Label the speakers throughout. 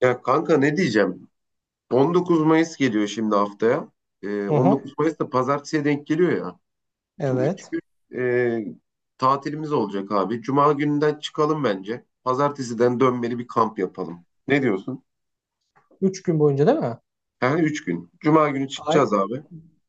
Speaker 1: Ya kanka ne diyeceğim? 19 Mayıs geliyor şimdi haftaya.
Speaker 2: Hı
Speaker 1: 19
Speaker 2: hı.
Speaker 1: Mayıs da pazartesiye denk geliyor ya. Şimdi 3
Speaker 2: Evet.
Speaker 1: gün e, tatilimiz olacak abi. Cuma gününden çıkalım bence. Pazartesiden dönmeli bir kamp yapalım. Ne diyorsun?
Speaker 2: Üç gün boyunca değil mi?
Speaker 1: Yani 3 gün. Cuma günü
Speaker 2: Gay
Speaker 1: çıkacağız abi.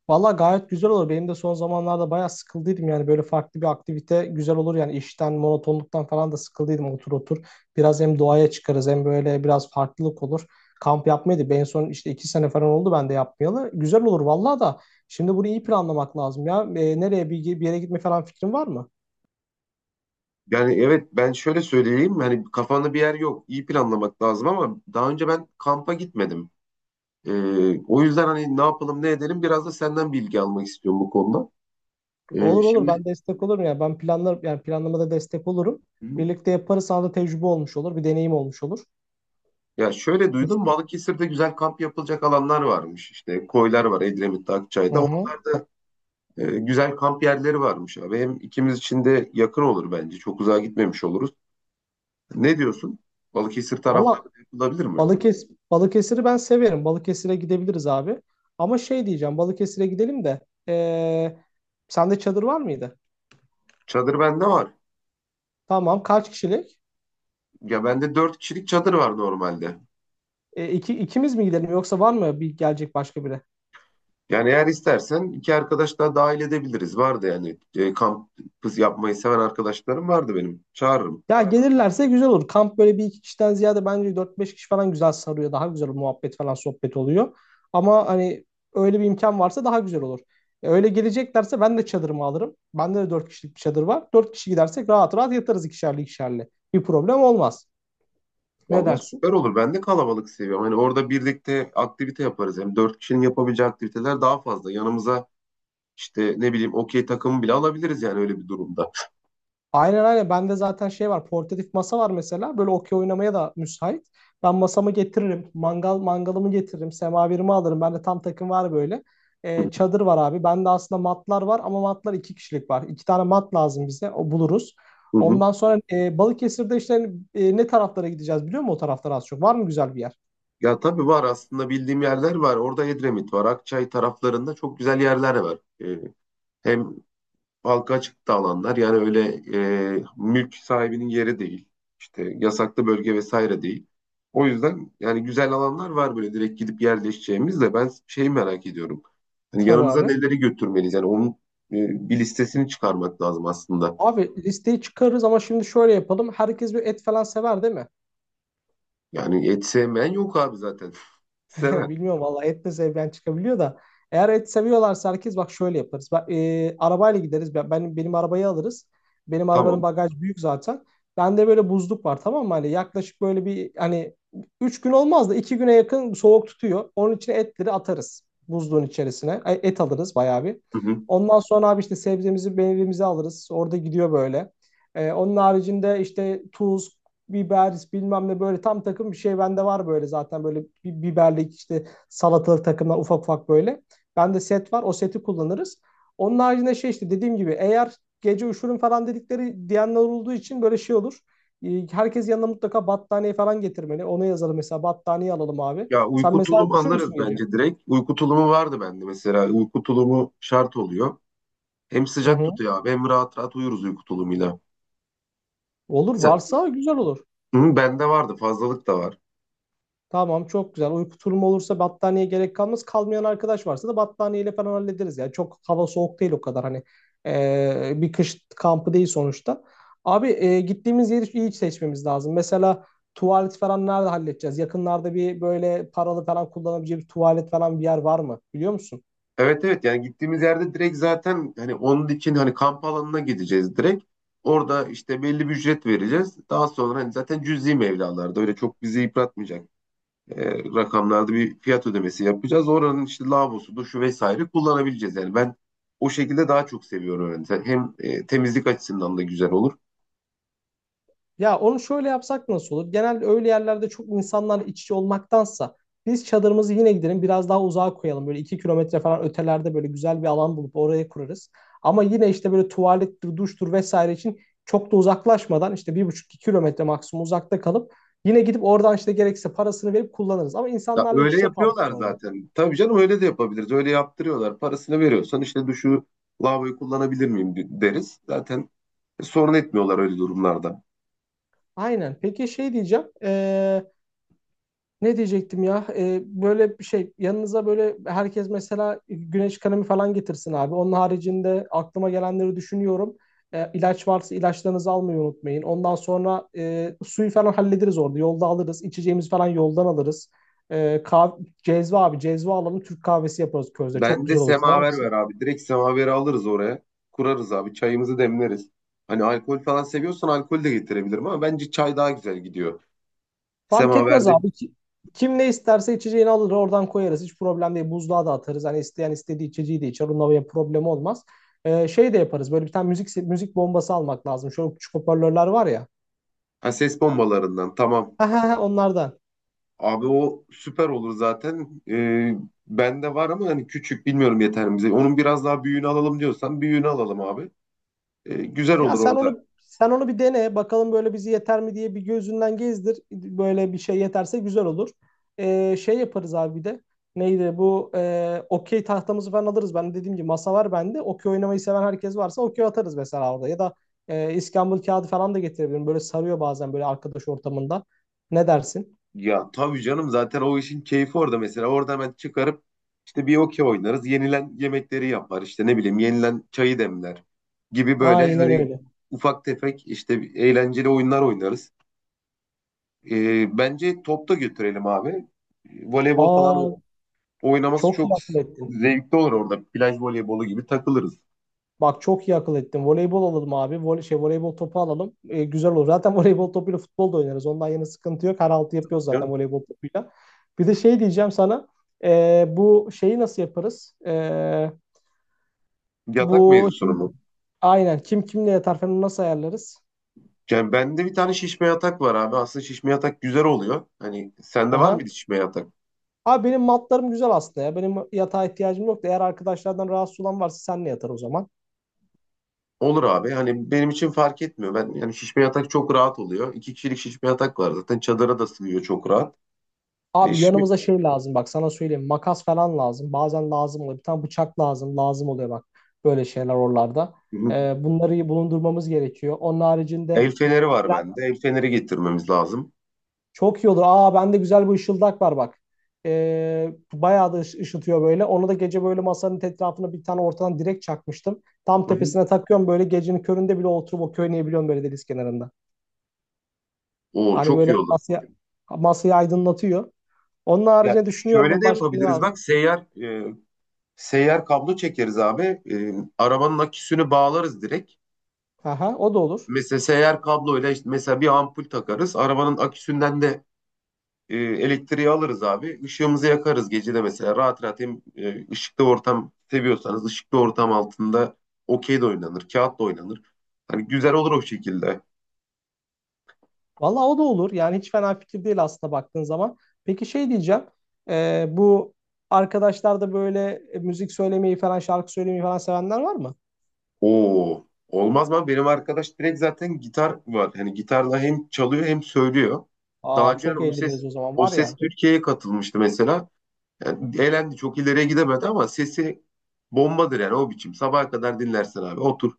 Speaker 2: Valla gayet güzel olur. Benim de son zamanlarda bayağı sıkıldıydım yani böyle farklı bir aktivite güzel olur yani işten monotonluktan falan da sıkıldıydım otur otur. Biraz hem doğaya çıkarız hem böyle biraz farklılık olur. Kamp yapmaydı. Ben en son işte iki sene falan oldu ben de yapmayalı. Güzel olur valla da. Şimdi bunu iyi planlamak lazım ya. Nereye bir yere gitme falan fikrin var mı?
Speaker 1: Yani evet ben şöyle söyleyeyim. Hani kafanda bir yer yok. İyi planlamak lazım ama daha önce ben kampa gitmedim. O yüzden hani ne yapalım ne edelim biraz da senden bilgi almak istiyorum bu konuda. Ee,
Speaker 2: Olur olur,
Speaker 1: şimdi...
Speaker 2: ben destek olurum ya. Ben yani planlamada destek olurum.
Speaker 1: Hı?
Speaker 2: Birlikte yaparız, sana da tecrübe olmuş olur. Bir deneyim olmuş olur.
Speaker 1: Ya şöyle
Speaker 2: Biz-
Speaker 1: duydum Balıkesir'de güzel kamp yapılacak alanlar varmış. İşte koylar var Edremit'te,
Speaker 2: Hı
Speaker 1: Akçay'da.
Speaker 2: hı.
Speaker 1: Güzel kamp yerleri varmış abi. Hem ikimiz için de yakın olur bence. Çok uzağa gitmemiş oluruz. Ne diyorsun? Balıkesir
Speaker 2: Valla
Speaker 1: taraflarında yapılabilir mi?
Speaker 2: Balıkesir'i ben severim. Balıkesir'e gidebiliriz abi. Ama şey diyeceğim, Balıkesir'e gidelim de ee, sende çadır var mıydı?
Speaker 1: Çadır bende var.
Speaker 2: Tamam, kaç kişilik?
Speaker 1: Ya bende dört kişilik çadır var normalde.
Speaker 2: İki, ikimiz mi gidelim, yoksa var mı bir gelecek başka biri?
Speaker 1: Yani eğer istersen iki arkadaş daha dahil edebiliriz. Vardı yani kamp yapmayı seven arkadaşlarım vardı benim. Çağırırım.
Speaker 2: Ya gelirlerse güzel olur. Kamp böyle bir iki kişiden ziyade bence dört beş kişi falan güzel sarıyor. Daha güzel muhabbet falan sohbet oluyor. Ama hani öyle bir imkan varsa daha güzel olur. Öyle geleceklerse ben de çadırımı alırım. Bende de 4 kişilik bir çadır var. 4 kişi gidersek rahat rahat yatarız ikişerli ikişerli. Bir problem olmaz. Ne
Speaker 1: Vallahi
Speaker 2: dersin?
Speaker 1: süper olur. Ben de kalabalık seviyorum. Hani orada birlikte aktivite yaparız. Hem dört kişinin yapabileceği aktiviteler daha fazla. Yanımıza işte ne bileyim okey takımı bile alabiliriz yani öyle bir durumda.
Speaker 2: Aynen aynen. Bende zaten şey var. Portatif masa var mesela. Böyle okey oynamaya da müsait. Ben masamı getiririm. Mangalımı getiririm. Semaverimi alırım. Bende tam takım var böyle.
Speaker 1: Hı
Speaker 2: Çadır var abi. Bende aslında matlar var ama matlar iki kişilik var. İki tane mat lazım bize. O buluruz.
Speaker 1: hı, hı.
Speaker 2: Ondan sonra Balıkesir'de işte hani, ne taraflara gideceğiz biliyor musun, o taraflara az çok? Var mı güzel bir yer?
Speaker 1: Ya tabii var aslında bildiğim yerler var. Orada Edremit var. Akçay taraflarında çok güzel yerler var. Ee, Hem halka açık da alanlar. Yani öyle mülk sahibinin yeri değil. İşte yasaklı bölge vesaire değil. O yüzden yani güzel alanlar var böyle direkt gidip yerleşeceğimiz de ben şeyi merak ediyorum. Hani
Speaker 2: Tabii
Speaker 1: yanımıza
Speaker 2: abi.
Speaker 1: neleri götürmeliyiz? Yani onun bir listesini çıkarmak lazım aslında.
Speaker 2: Abi listeyi çıkarırız ama şimdi şöyle yapalım. Herkes bir et falan sever değil mi?
Speaker 1: Yani et sevmeyen yok abi zaten. Seven.
Speaker 2: Bilmiyorum valla, et de sevmeyen çıkabiliyor da. Eğer et seviyorlarsa, herkes bak şöyle yaparız. Bak, arabayla gideriz. Benim arabayı alırız. Benim arabanın
Speaker 1: Tamam.
Speaker 2: bagaj büyük zaten. Bende böyle buzluk var tamam mı? Hani yaklaşık böyle bir hani 3 gün olmaz da 2 güne yakın soğuk tutuyor. Onun için etleri atarız buzluğun içerisine. Ay, et alırız bayağı bir.
Speaker 1: Hı hı.
Speaker 2: Ondan sonra abi işte sebzemizi, meyvemizi alırız. Orada gidiyor böyle. Onun haricinde işte tuz, biberis bilmem ne, böyle tam takım bir şey bende var, böyle zaten böyle biberlik işte salatalık takımlar ufak ufak böyle. Bende set var, o seti kullanırız. Onun haricinde şey işte, dediğim gibi eğer gece üşürüm falan dedikleri diyenler olduğu için böyle şey olur. Herkes yanına mutlaka battaniye falan getirmeli. Ona yazalım mesela, battaniye alalım abi.
Speaker 1: Ya
Speaker 2: Sen
Speaker 1: uyku
Speaker 2: mesela
Speaker 1: tulumu
Speaker 2: üşür müsün
Speaker 1: alırız
Speaker 2: gece?
Speaker 1: bence direkt. Uyku tulumu vardı bende mesela. Uyku tulumu şart oluyor. Hem
Speaker 2: Hı
Speaker 1: sıcak
Speaker 2: hı.
Speaker 1: tutuyor abi hem rahat rahat uyuruz uyku tulumuyla.
Speaker 2: Olur, varsa güzel olur.
Speaker 1: Hı, bende vardı fazlalık da var.
Speaker 2: Tamam, çok güzel. Uyku turumu olursa battaniye gerek kalmaz. Kalmayan arkadaş varsa da battaniyeyle falan hallederiz ya. Çok hava soğuk değil o kadar hani. Bir kış kampı değil sonuçta. Abi gittiğimiz yeri iyi seçmemiz lazım. Mesela tuvalet falan nerede halledeceğiz? Yakınlarda bir böyle paralı falan kullanabileceği bir tuvalet falan bir yer var mı? Biliyor musun?
Speaker 1: Evet, evet, yani gittiğimiz yerde direkt zaten hani onun için hani kamp alanına gideceğiz direkt. Orada işte belli bir ücret vereceğiz. Daha sonra hani zaten cüzi mevlalarda öyle çok bizi yıpratmayacak rakamlarda bir fiyat ödemesi yapacağız. Oranın işte lavabosu, duşu vesaire kullanabileceğiz. Yani ben o şekilde daha çok seviyorum. Yani hem temizlik açısından da güzel olur.
Speaker 2: Ya onu şöyle yapsak nasıl olur? Genelde öyle yerlerde çok insanlarla iç içe olmaktansa biz çadırımızı yine gidelim biraz daha uzağa koyalım. Böyle 2 kilometre falan ötelerde böyle güzel bir alan bulup oraya kurarız. Ama yine işte böyle tuvalettir, duştur vesaire için çok da uzaklaşmadan işte bir buçuk iki kilometre maksimum uzakta kalıp yine gidip oradan işte gerekirse parasını verip kullanırız. Ama
Speaker 1: Ya
Speaker 2: insanlarla iç
Speaker 1: öyle
Speaker 2: içe kaldık
Speaker 1: yapıyorlar
Speaker 2: orada.
Speaker 1: zaten. Tabii canım öyle de yapabiliriz. Öyle yaptırıyorlar. Parasını veriyorsan işte duşu lavaboyu kullanabilir miyim deriz. Zaten sorun etmiyorlar öyle durumlarda.
Speaker 2: Aynen. Peki şey diyeceğim. Ne diyecektim ya? Böyle bir şey, yanınıza böyle herkes mesela güneş kremi falan getirsin abi. Onun haricinde aklıma gelenleri düşünüyorum. İlaç varsa ilaçlarınızı almayı unutmayın. Ondan sonra suyu falan hallederiz orada. Yolda alırız. İçeceğimiz falan yoldan alırız. Ee, kah- cezve abi, cezve alalım. Türk kahvesi yaparız közde. Çok
Speaker 1: Ben de
Speaker 2: güzel olur. Sever
Speaker 1: semaver ver
Speaker 2: misin?
Speaker 1: abi. Direkt semaveri alırız oraya. Kurarız abi. Çayımızı demleriz. Hani alkol falan seviyorsan alkol de getirebilirim ama bence çay daha güzel gidiyor.
Speaker 2: Fark etmez
Speaker 1: Semaverde
Speaker 2: abi. Kim ne isterse içeceğini alır, oradan koyarız. Hiç problem değil. Buzluğa da atarız. Hani isteyen istediği içeceği de içer. Onunla bir problem olmaz. Şey de yaparız. Böyle bir tane müzik bombası almak lazım. Şöyle küçük hoparlörler var ya.
Speaker 1: ha, ses bombalarından tamam.
Speaker 2: Ha ha ha, onlardan.
Speaker 1: Abi o süper olur zaten. Bende var ama hani küçük bilmiyorum yeter mi bize. Onun biraz daha büyüğünü alalım diyorsan büyüğünü alalım abi. Güzel
Speaker 2: Ya
Speaker 1: olur
Speaker 2: sen
Speaker 1: orada.
Speaker 2: onu sen onu bir dene bakalım, böyle bizi yeter mi diye bir gözünden gezdir. Böyle bir şey yeterse güzel olur. Şey yaparız abi bir de. Neydi bu okey tahtamızı falan alırız. Ben dediğim gibi masa var bende. Okey oynamayı seven herkes varsa okey atarız mesela orada. Ya da iskambil kağıdı falan da getirebilirim. Böyle sarıyor bazen böyle arkadaş ortamında. Ne dersin?
Speaker 1: Ya tabii canım zaten o işin keyfi orada mesela. Orada hemen çıkarıp işte bir okey oynarız. Yenilen yemekleri yapar işte ne bileyim yenilen çayı demler gibi böyle
Speaker 2: Aynen
Speaker 1: hani
Speaker 2: öyle.
Speaker 1: ufak tefek işte eğlenceli oyunlar oynarız. Bence top da götürelim abi. Voleybol falan
Speaker 2: Aa,
Speaker 1: oynaması
Speaker 2: çok
Speaker 1: çok
Speaker 2: iyi akıl ettin.
Speaker 1: zevkli olur orada. Plaj voleybolu gibi takılırız.
Speaker 2: Bak, çok iyi akıl ettin. Voleybol alalım abi. Voleybol topu alalım. Güzel olur. Zaten voleybol topuyla futbol da oynarız. Ondan yana sıkıntı yok. Her altı yapıyoruz
Speaker 1: Ya,
Speaker 2: zaten voleybol topuyla. Bir de şey diyeceğim sana. Bu şeyi nasıl yaparız?
Speaker 1: yatak
Speaker 2: Bu
Speaker 1: mevzusunu
Speaker 2: şimdi,
Speaker 1: mu?
Speaker 2: aynen kim kimle yatar falan nasıl ayarlarız?
Speaker 1: Yani bende bir tane şişme yatak var abi. Aslında şişme yatak güzel oluyor. Hani sende var
Speaker 2: Aha.
Speaker 1: mıydı şişme yatak?
Speaker 2: Abi benim matlarım güzel aslında ya. Benim yatağa ihtiyacım yok da, eğer arkadaşlardan rahatsız olan varsa senle yatar o zaman.
Speaker 1: Olur abi. Hani benim için fark etmiyor. Ben yani şişme yatak çok rahat oluyor. İki kişilik şişme yatak var zaten. Çadıra da sığıyor çok rahat. E
Speaker 2: Abi
Speaker 1: şimdi
Speaker 2: yanımıza şey lazım, bak sana söyleyeyim, makas falan lazım. Bazen lazım oluyor. Bir tane bıçak lazım. Lazım oluyor bak. Böyle şeyler oralarda.
Speaker 1: hı hı,
Speaker 2: Bunları iyi bulundurmamız gerekiyor. Onun haricinde
Speaker 1: el feneri var bende. El feneri getirmemiz lazım.
Speaker 2: çok iyi olur. Aa, bende güzel bir ışıldak var bak. Bayağı da ışıtıyor böyle. Onu da gece böyle masanın etrafına bir tane ortadan direkt çakmıştım. Tam
Speaker 1: Hı hı.
Speaker 2: tepesine takıyorum böyle, gecenin köründe bile oturup o oynayabiliyorum böyle deniz kenarında.
Speaker 1: Oo,
Speaker 2: Hani
Speaker 1: çok
Speaker 2: böyle
Speaker 1: iyi olur.
Speaker 2: masayı aydınlatıyor. Onun
Speaker 1: Ya
Speaker 2: haricinde düşünüyorum
Speaker 1: şöyle
Speaker 2: o,
Speaker 1: de
Speaker 2: başka ne
Speaker 1: yapabiliriz.
Speaker 2: lazım.
Speaker 1: Bak seyyar seyyar kablo çekeriz abi. Arabanın aküsünü bağlarız direkt.
Speaker 2: Aha, o da olur.
Speaker 1: Mesela seyyar kabloyla işte mesela bir ampul takarız. Arabanın aküsünden de elektriği alırız abi. Işığımızı yakarız gece de mesela. Rahat rahat hem ışıklı ortam seviyorsanız ışıklı ortam altında okey de oynanır, kağıt da oynanır. Hani güzel olur o şekilde.
Speaker 2: Vallahi o da olur. Yani hiç fena fikir değil aslında baktığın zaman. Peki şey diyeceğim. Bu arkadaşlar da böyle müzik söylemeyi falan, şarkı söylemeyi falan sevenler var mı?
Speaker 1: Oo, olmaz mı? Benim arkadaş direkt zaten gitar var. Hani gitarla hem çalıyor hem söylüyor. Daha
Speaker 2: Aa,
Speaker 1: önce
Speaker 2: çok eğleniriz o zaman
Speaker 1: o
Speaker 2: var
Speaker 1: ses
Speaker 2: ya.
Speaker 1: Türkiye'ye katılmıştı mesela. Yani eğlendi çok ileriye gidemedi ama sesi bombadır yani o biçim. Sabaha kadar dinlersin abi otur.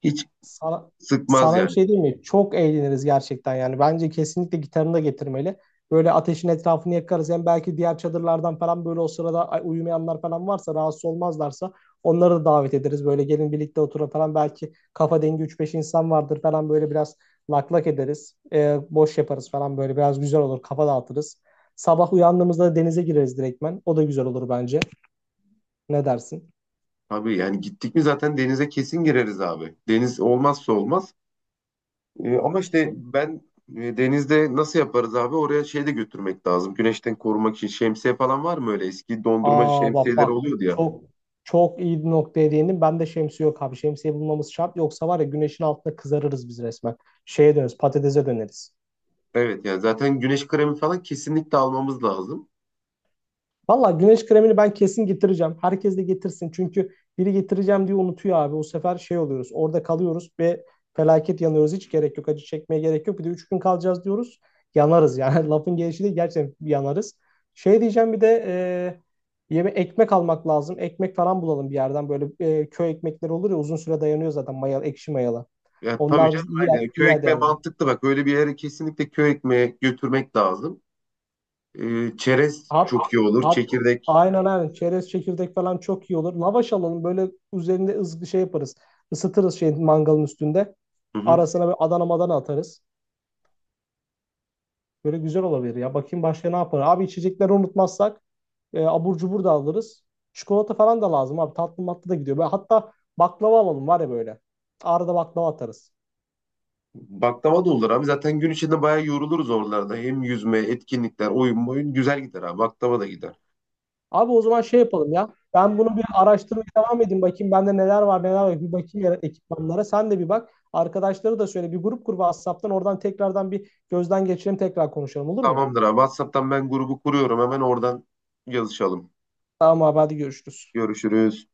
Speaker 1: Hiç
Speaker 2: Sana,
Speaker 1: sıkmaz
Speaker 2: sana bir
Speaker 1: yani.
Speaker 2: şey diyeyim mi? Çok eğleniriz gerçekten yani. Bence kesinlikle gitarını da getirmeli. Böyle ateşin etrafını yakarız. Hem belki diğer çadırlardan falan böyle o sırada uyumayanlar falan varsa, rahatsız olmazlarsa onları da davet ederiz. Böyle gelin birlikte oturun falan. Belki kafa dengi üç beş insan vardır falan, böyle biraz lak lak ederiz. Boş yaparız falan, böyle biraz güzel olur. Kafa dağıtırız. Sabah uyandığımızda denize gireriz direktmen. O da güzel olur bence. Ne dersin?
Speaker 1: Abi yani gittik mi zaten denize kesin gireriz abi. Deniz olmazsa olmaz. Ama işte ben denizde nasıl yaparız abi? Oraya şey de götürmek lazım. Güneşten korumak için şemsiye falan var mı öyle? Eski dondurmacı
Speaker 2: Aa bak
Speaker 1: şemsiyeleri
Speaker 2: bak,
Speaker 1: oluyordu ya.
Speaker 2: çok çok iyi bir noktaya değindin. Ben de şemsiye yok abi. Şemsiye bulmamız şart. Yoksa var ya, güneşin altında kızarırız biz resmen. Şeye döneriz, patatese döneriz.
Speaker 1: Evet, yani zaten güneş kremi falan kesinlikle almamız lazım.
Speaker 2: Valla güneş kremini ben kesin getireceğim. Herkes de getirsin. Çünkü biri getireceğim diye unutuyor abi. O sefer şey oluyoruz. Orada kalıyoruz ve felaket yanıyoruz. Hiç gerek yok. Acı çekmeye gerek yok. Bir de 3 gün kalacağız diyoruz. Yanarız yani. Lafın gelişi de gerçekten yanarız. Şey diyeceğim bir de yeme ekmek almak lazım. Ekmek falan bulalım bir yerden. Böyle köy ekmekleri olur ya, uzun süre dayanıyor zaten mayalı, ekşi mayalı.
Speaker 1: Ya tabii
Speaker 2: Onlar
Speaker 1: canım
Speaker 2: biz iyi,
Speaker 1: aynen.
Speaker 2: iyi
Speaker 1: Köy ekmeği
Speaker 2: ederdi.
Speaker 1: mantıklı bak. Öyle bir yere kesinlikle köy ekmeği götürmek lazım. Çerez
Speaker 2: At,
Speaker 1: çok iyi olur.
Speaker 2: at,
Speaker 1: Çekirdek.
Speaker 2: aynen aynen. Çerez çekirdek falan çok iyi olur. Lavaş alalım. Böyle üzerinde ızgı şey yaparız. Isıtırız şey mangalın üstünde.
Speaker 1: Hı hı.
Speaker 2: Arasına böyle Adana madana atarız. Böyle güzel olabilir ya. Bakayım başka ne yapar. Abi içecekleri unutmazsak abur cubur da alırız. Çikolata falan da lazım abi. Tatlı matlı da gidiyor. Böyle hatta baklava alalım var ya böyle. Arada baklava atarız.
Speaker 1: Baklava da olur abi. Zaten gün içinde bayağı yoruluruz oralarda. Hem yüzme, etkinlikler, oyun boyun güzel gider abi. Baklava da gider.
Speaker 2: Abi o zaman şey yapalım ya. Ben bunu bir araştırmaya devam edeyim. Bakayım bende neler var neler var. Bir bakayım ya ekipmanlara. Sen de bir bak. Arkadaşları da söyle. Bir grup kur WhatsApp'tan. Oradan tekrardan bir gözden geçirelim. Tekrar konuşalım olur mu?
Speaker 1: Tamamdır abi. WhatsApp'tan ben grubu kuruyorum. Hemen oradan yazışalım.
Speaker 2: Tamam abi, hadi görüşürüz.
Speaker 1: Görüşürüz.